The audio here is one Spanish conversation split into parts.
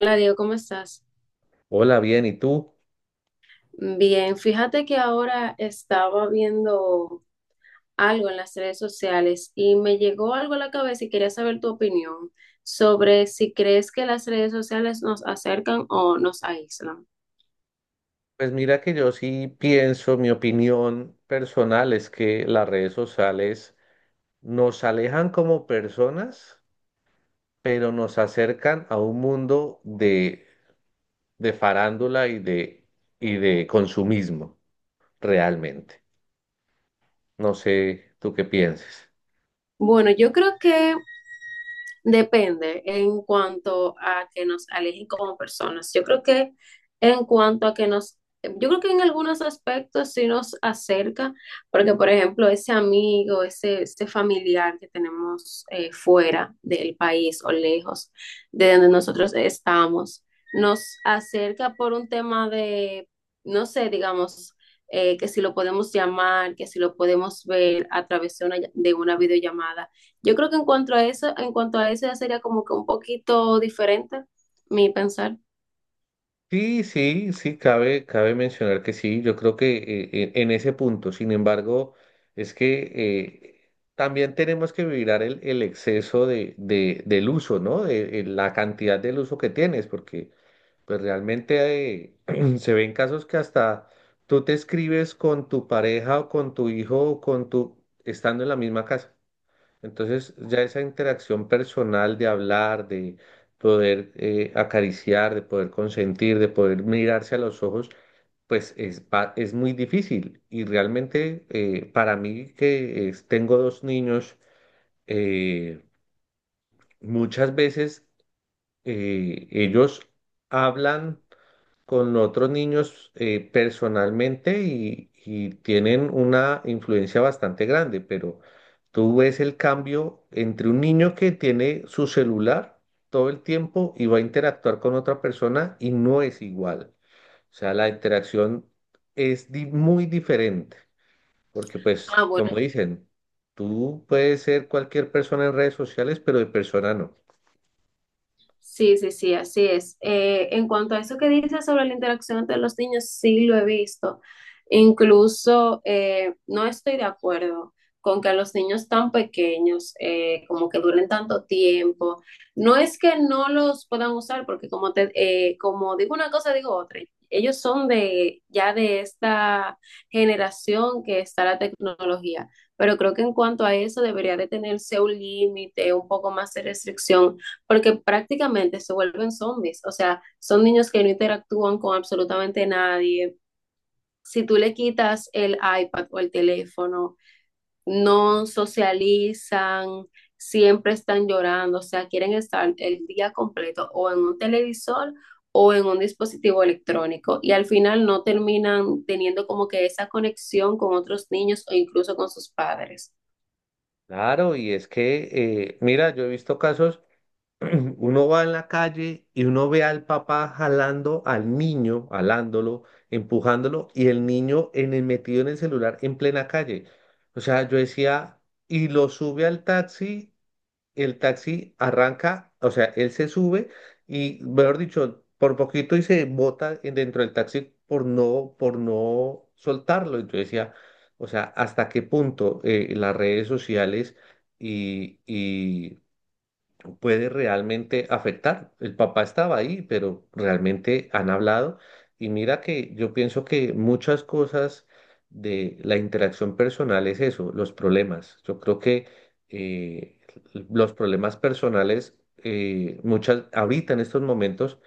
Hola Diego, ¿cómo estás? Hola, bien, ¿y tú? Bien, fíjate que ahora estaba viendo algo en las redes sociales y me llegó algo a la cabeza y quería saber tu opinión sobre si crees que las redes sociales nos acercan o nos aíslan. Pues mira que yo sí pienso, mi opinión personal es que las redes sociales nos alejan como personas, pero nos acercan a un mundo de farándula y de consumismo, realmente. No sé, ¿tú qué piensas? Bueno, yo creo que depende en cuanto a que nos alejen como personas. Yo creo que en cuanto a que yo creo que en algunos aspectos sí nos acerca, porque por ejemplo ese amigo, ese familiar que tenemos fuera del país o lejos de donde nosotros estamos, nos acerca por un tema de, no sé, digamos, que si lo podemos llamar, que si lo podemos ver a través de de una videollamada. Yo creo que en cuanto a en cuanto a eso ya sería como que un poquito diferente mi pensar. Sí, sí, sí, cabe mencionar que sí, yo creo que en ese punto, sin embargo, es que eh, también tenemos que mirar el exceso del uso, ¿no? De, la cantidad del uso que tienes, porque pues realmente se ven casos que hasta tú te escribes con tu pareja o con tu hijo o con tu, estando en la misma casa. Entonces, ya esa interacción personal de hablar, de poder acariciar, de poder consentir, de poder mirarse a los ojos, pues es muy difícil. Y realmente para mí tengo 2 niños, eh, muchas veces ellos hablan con otros niños personalmente y tienen una influencia bastante grande, pero tú ves el cambio entre un niño que tiene su celular todo el tiempo y va a interactuar con otra persona y no es igual. O sea, la interacción muy diferente, porque pues, Ah, bueno, como dicen, tú puedes ser cualquier persona en redes sociales, pero de persona no. sí, sí, sí, así es. En cuanto a eso que dices sobre la interacción entre los niños, sí lo he visto. Incluso no estoy de acuerdo con que a los niños tan pequeños, como que duren tanto tiempo. No es que no los puedan usar, porque como, te, como digo una cosa, digo otra. Ellos son de ya de esta generación que está la tecnología, pero creo que en cuanto a eso debería de tenerse un límite, un poco más de restricción, porque prácticamente se vuelven zombies, o sea, son niños que no interactúan con absolutamente nadie. Si tú le quitas el iPad o el teléfono, no socializan, siempre están llorando, o sea, quieren estar el día completo o en un televisor o en un dispositivo electrónico, y al final no terminan teniendo como que esa conexión con otros niños o incluso con sus padres. Claro, y es que, mira, yo he visto casos, uno va en la calle y uno ve al papá jalando al niño, jalándolo, empujándolo, y el niño en el, metido en el celular en plena calle. O sea, yo decía, y lo sube al taxi, el taxi arranca. O sea, él se sube y, mejor dicho, por poquito y se bota dentro del taxi por no soltarlo. Entonces decía, o sea, ¿hasta qué punto las redes sociales y, pero puede realmente afectar? El papá estaba ahí, pero realmente han hablado. Y mira que yo pienso que muchas cosas de la interacción personal es eso, los problemas. Yo creo que eh, los problemas personales, ahorita en estos momentos,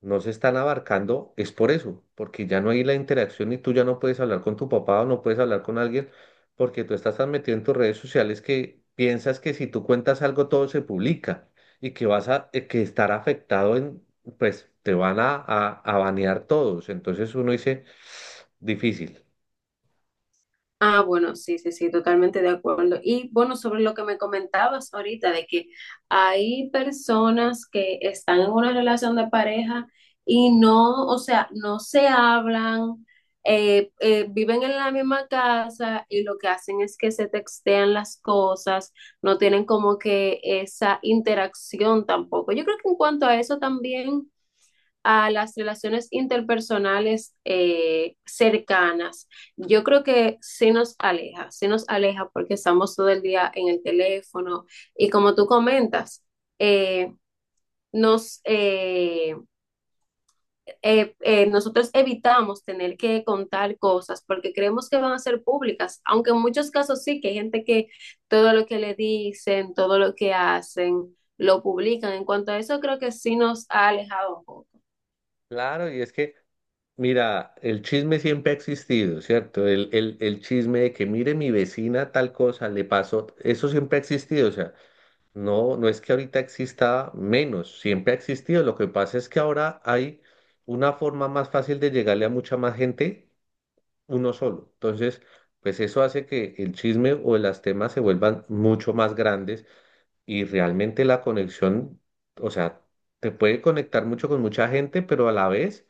no se están abarcando, es por eso, porque ya no hay la interacción y tú ya no puedes hablar con tu papá o no puedes hablar con alguien porque tú estás tan metido en tus redes sociales que piensas que si tú cuentas algo todo se publica y que vas a que estar afectado en, pues te van a banear todos. Entonces uno dice, difícil. Ah, bueno, sí, sí, sí, totalmente de acuerdo. Y bueno, sobre lo que me comentabas ahorita, de que hay personas que están en una relación de pareja y no, o sea, no se hablan, viven en la misma casa y lo que hacen es que se textean las cosas, no tienen como que esa interacción tampoco. Yo creo que en cuanto a eso también, a las relaciones interpersonales cercanas, yo creo que sí nos aleja porque estamos todo el día en el teléfono, y como tú comentas, eh, nos, eh, nosotros evitamos tener que contar cosas porque creemos que van a ser públicas, aunque en muchos casos sí, que hay gente que todo lo que le dicen, todo lo que hacen, lo publican. En cuanto a eso, creo que sí nos ha alejado un poco. Claro, y es que, mira, el chisme siempre ha existido, ¿cierto? El chisme de que mire mi vecina tal cosa, le pasó, eso siempre ha existido, o sea. No, no es que ahorita exista menos, siempre ha existido. Lo que pasa es que ahora hay una forma más fácil de llegarle a mucha más gente, uno solo. Entonces, pues eso hace que el chisme o las temas se vuelvan mucho más grandes y realmente la conexión, o sea, te puede conectar mucho con mucha gente, pero a la vez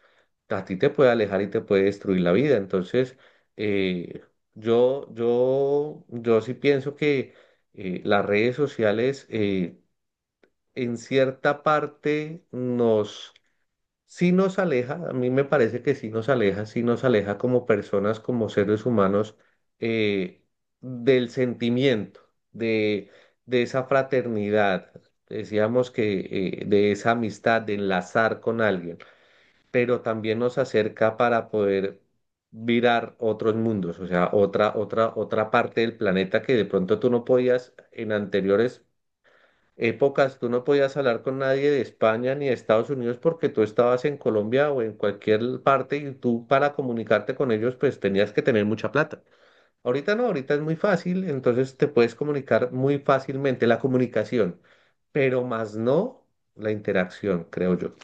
a ti te puede alejar y te puede destruir la vida. Entonces, eh, yo sí pienso que las redes sociales... en cierta parte sí nos aleja, a mí me parece que sí nos aleja como personas, como seres humanos, eh, del sentimiento, de, de esa fraternidad, decíamos que de esa amistad, de enlazar con alguien, pero también nos acerca para poder virar otros mundos. O sea, otra parte del planeta que de pronto tú no podías, en anteriores épocas tú no podías hablar con nadie de España ni de Estados Unidos porque tú estabas en Colombia o en cualquier parte y tú para comunicarte con ellos pues tenías que tener mucha plata. Ahorita no, ahorita es muy fácil, entonces te puedes comunicar muy fácilmente la comunicación, pero más no la interacción, creo yo.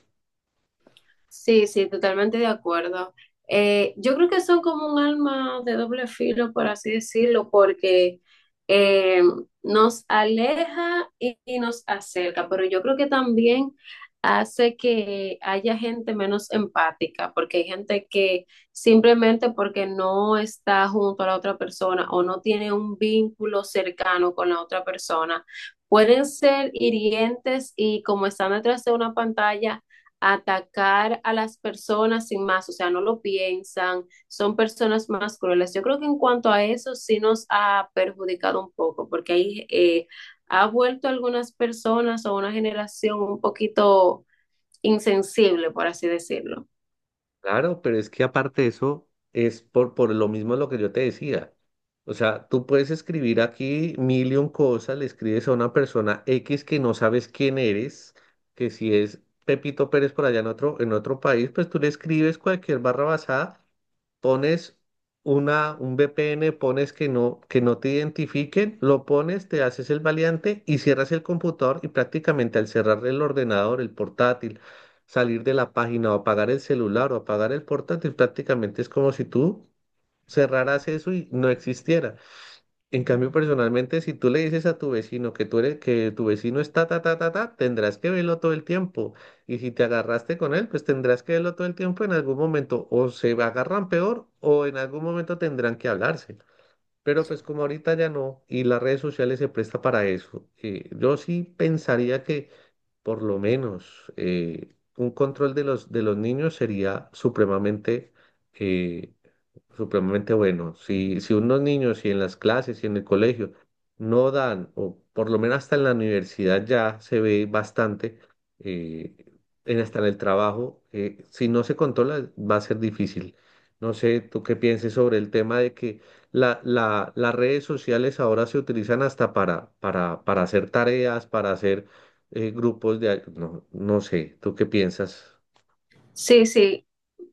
Sí, sí, totalmente de acuerdo. Yo creo que son como un alma de doble filo, por así decirlo, porque eh, nos aleja y nos acerca, pero yo creo que también hace que haya gente menos empática, porque hay gente que simplemente porque no está junto a la otra persona o no tiene un vínculo cercano con la otra persona, pueden ser hirientes, y como están detrás de una pantalla, atacar a las personas sin más, o sea, no lo piensan, son personas más crueles. Yo creo que en cuanto a eso sí nos ha perjudicado un poco, porque ahí ha vuelto algunas personas o una generación un poquito insensible, por así decirlo. Claro, pero es que aparte de eso, es por lo mismo lo que yo te decía. O sea, tú puedes escribir aquí mil y un cosas, le escribes a una persona X que no sabes quién eres, que si es Pepito Pérez por allá en otro país, pues tú le escribes cualquier barra basada, pones un VPN, pones que no te identifiquen, lo pones, te haces el valiente y cierras el computador y prácticamente al cerrar el ordenador, el portátil, salir de la página o apagar el celular o apagar el portátil, prácticamente es como si tú cerraras eso y no existiera. En cambio, personalmente, si tú le dices a tu vecino que tú eres, que tu vecino está ta ta ta ta, tendrás que verlo todo el tiempo. Y si te agarraste con él, pues tendrás que verlo todo el tiempo en algún momento. O se agarran peor, o en algún momento tendrán que hablarse. Pero pues como ahorita ya no, y las redes sociales se presta para eso. Yo sí pensaría que por lo menos un control de los niños sería supremamente eh, supremamente bueno. Si, si unos niños, y en las clases, y en el colegio no dan, o por lo menos hasta en la universidad ya se ve bastante, eh, en hasta en el trabajo, si no se controla va a ser difícil. No sé, tú qué pienses sobre el tema de que las redes sociales ahora se utilizan hasta para hacer tareas, para hacer grupos de... No, no sé, ¿tú qué piensas? Sí, sí.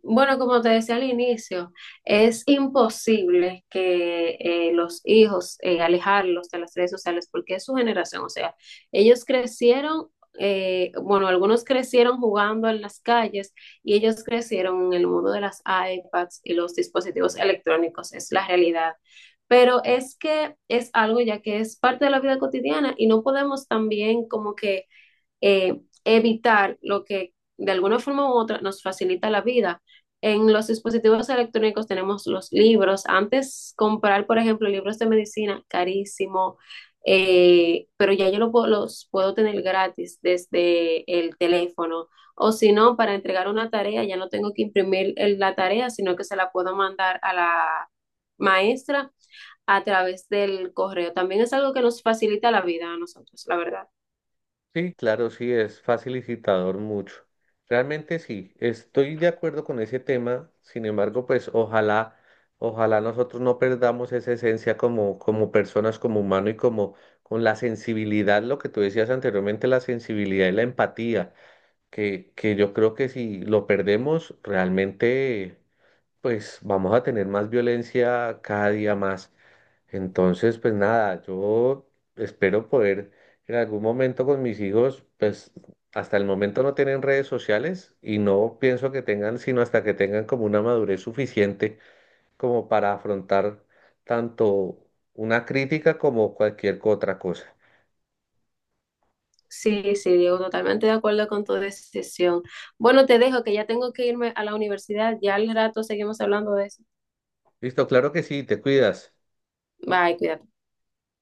Bueno, como te decía al inicio, es imposible que los hijos alejarlos de las redes sociales porque es su generación. O sea, ellos crecieron, bueno, algunos crecieron jugando en las calles, y ellos crecieron en el mundo de las iPads y los dispositivos electrónicos. Es la realidad. Pero es que es algo ya que es parte de la vida cotidiana, y no podemos también como que evitar lo que de alguna forma u otra nos facilita la vida. En los dispositivos electrónicos tenemos los libros. Antes comprar, por ejemplo, libros de medicina, carísimo, pero ya los puedo tener gratis desde el teléfono. O si no, para entregar una tarea, ya no tengo que imprimir la tarea, sino que se la puedo mandar a la maestra a través del correo. También es algo que nos facilita la vida a nosotros, la verdad. Sí, claro, sí, es facilitador mucho. Realmente sí, estoy de acuerdo con ese tema. Sin embargo, pues ojalá, ojalá nosotros no perdamos esa esencia como, como personas, como humano y como con la sensibilidad, lo que tú decías anteriormente, la sensibilidad y la empatía, que yo creo que si lo perdemos, realmente, pues vamos a tener más violencia cada día más. Entonces, pues nada, yo espero poder en algún momento con mis hijos, pues hasta el momento no tienen redes sociales y no pienso que tengan, sino hasta que tengan como una madurez suficiente como para afrontar tanto una crítica como cualquier otra cosa. Sí, sí, Diego, totalmente de acuerdo con tu decisión. Bueno, te dejo que ya tengo que irme a la universidad. Ya al rato seguimos hablando de eso. Listo, claro que sí, te cuidas. Bye, cuídate.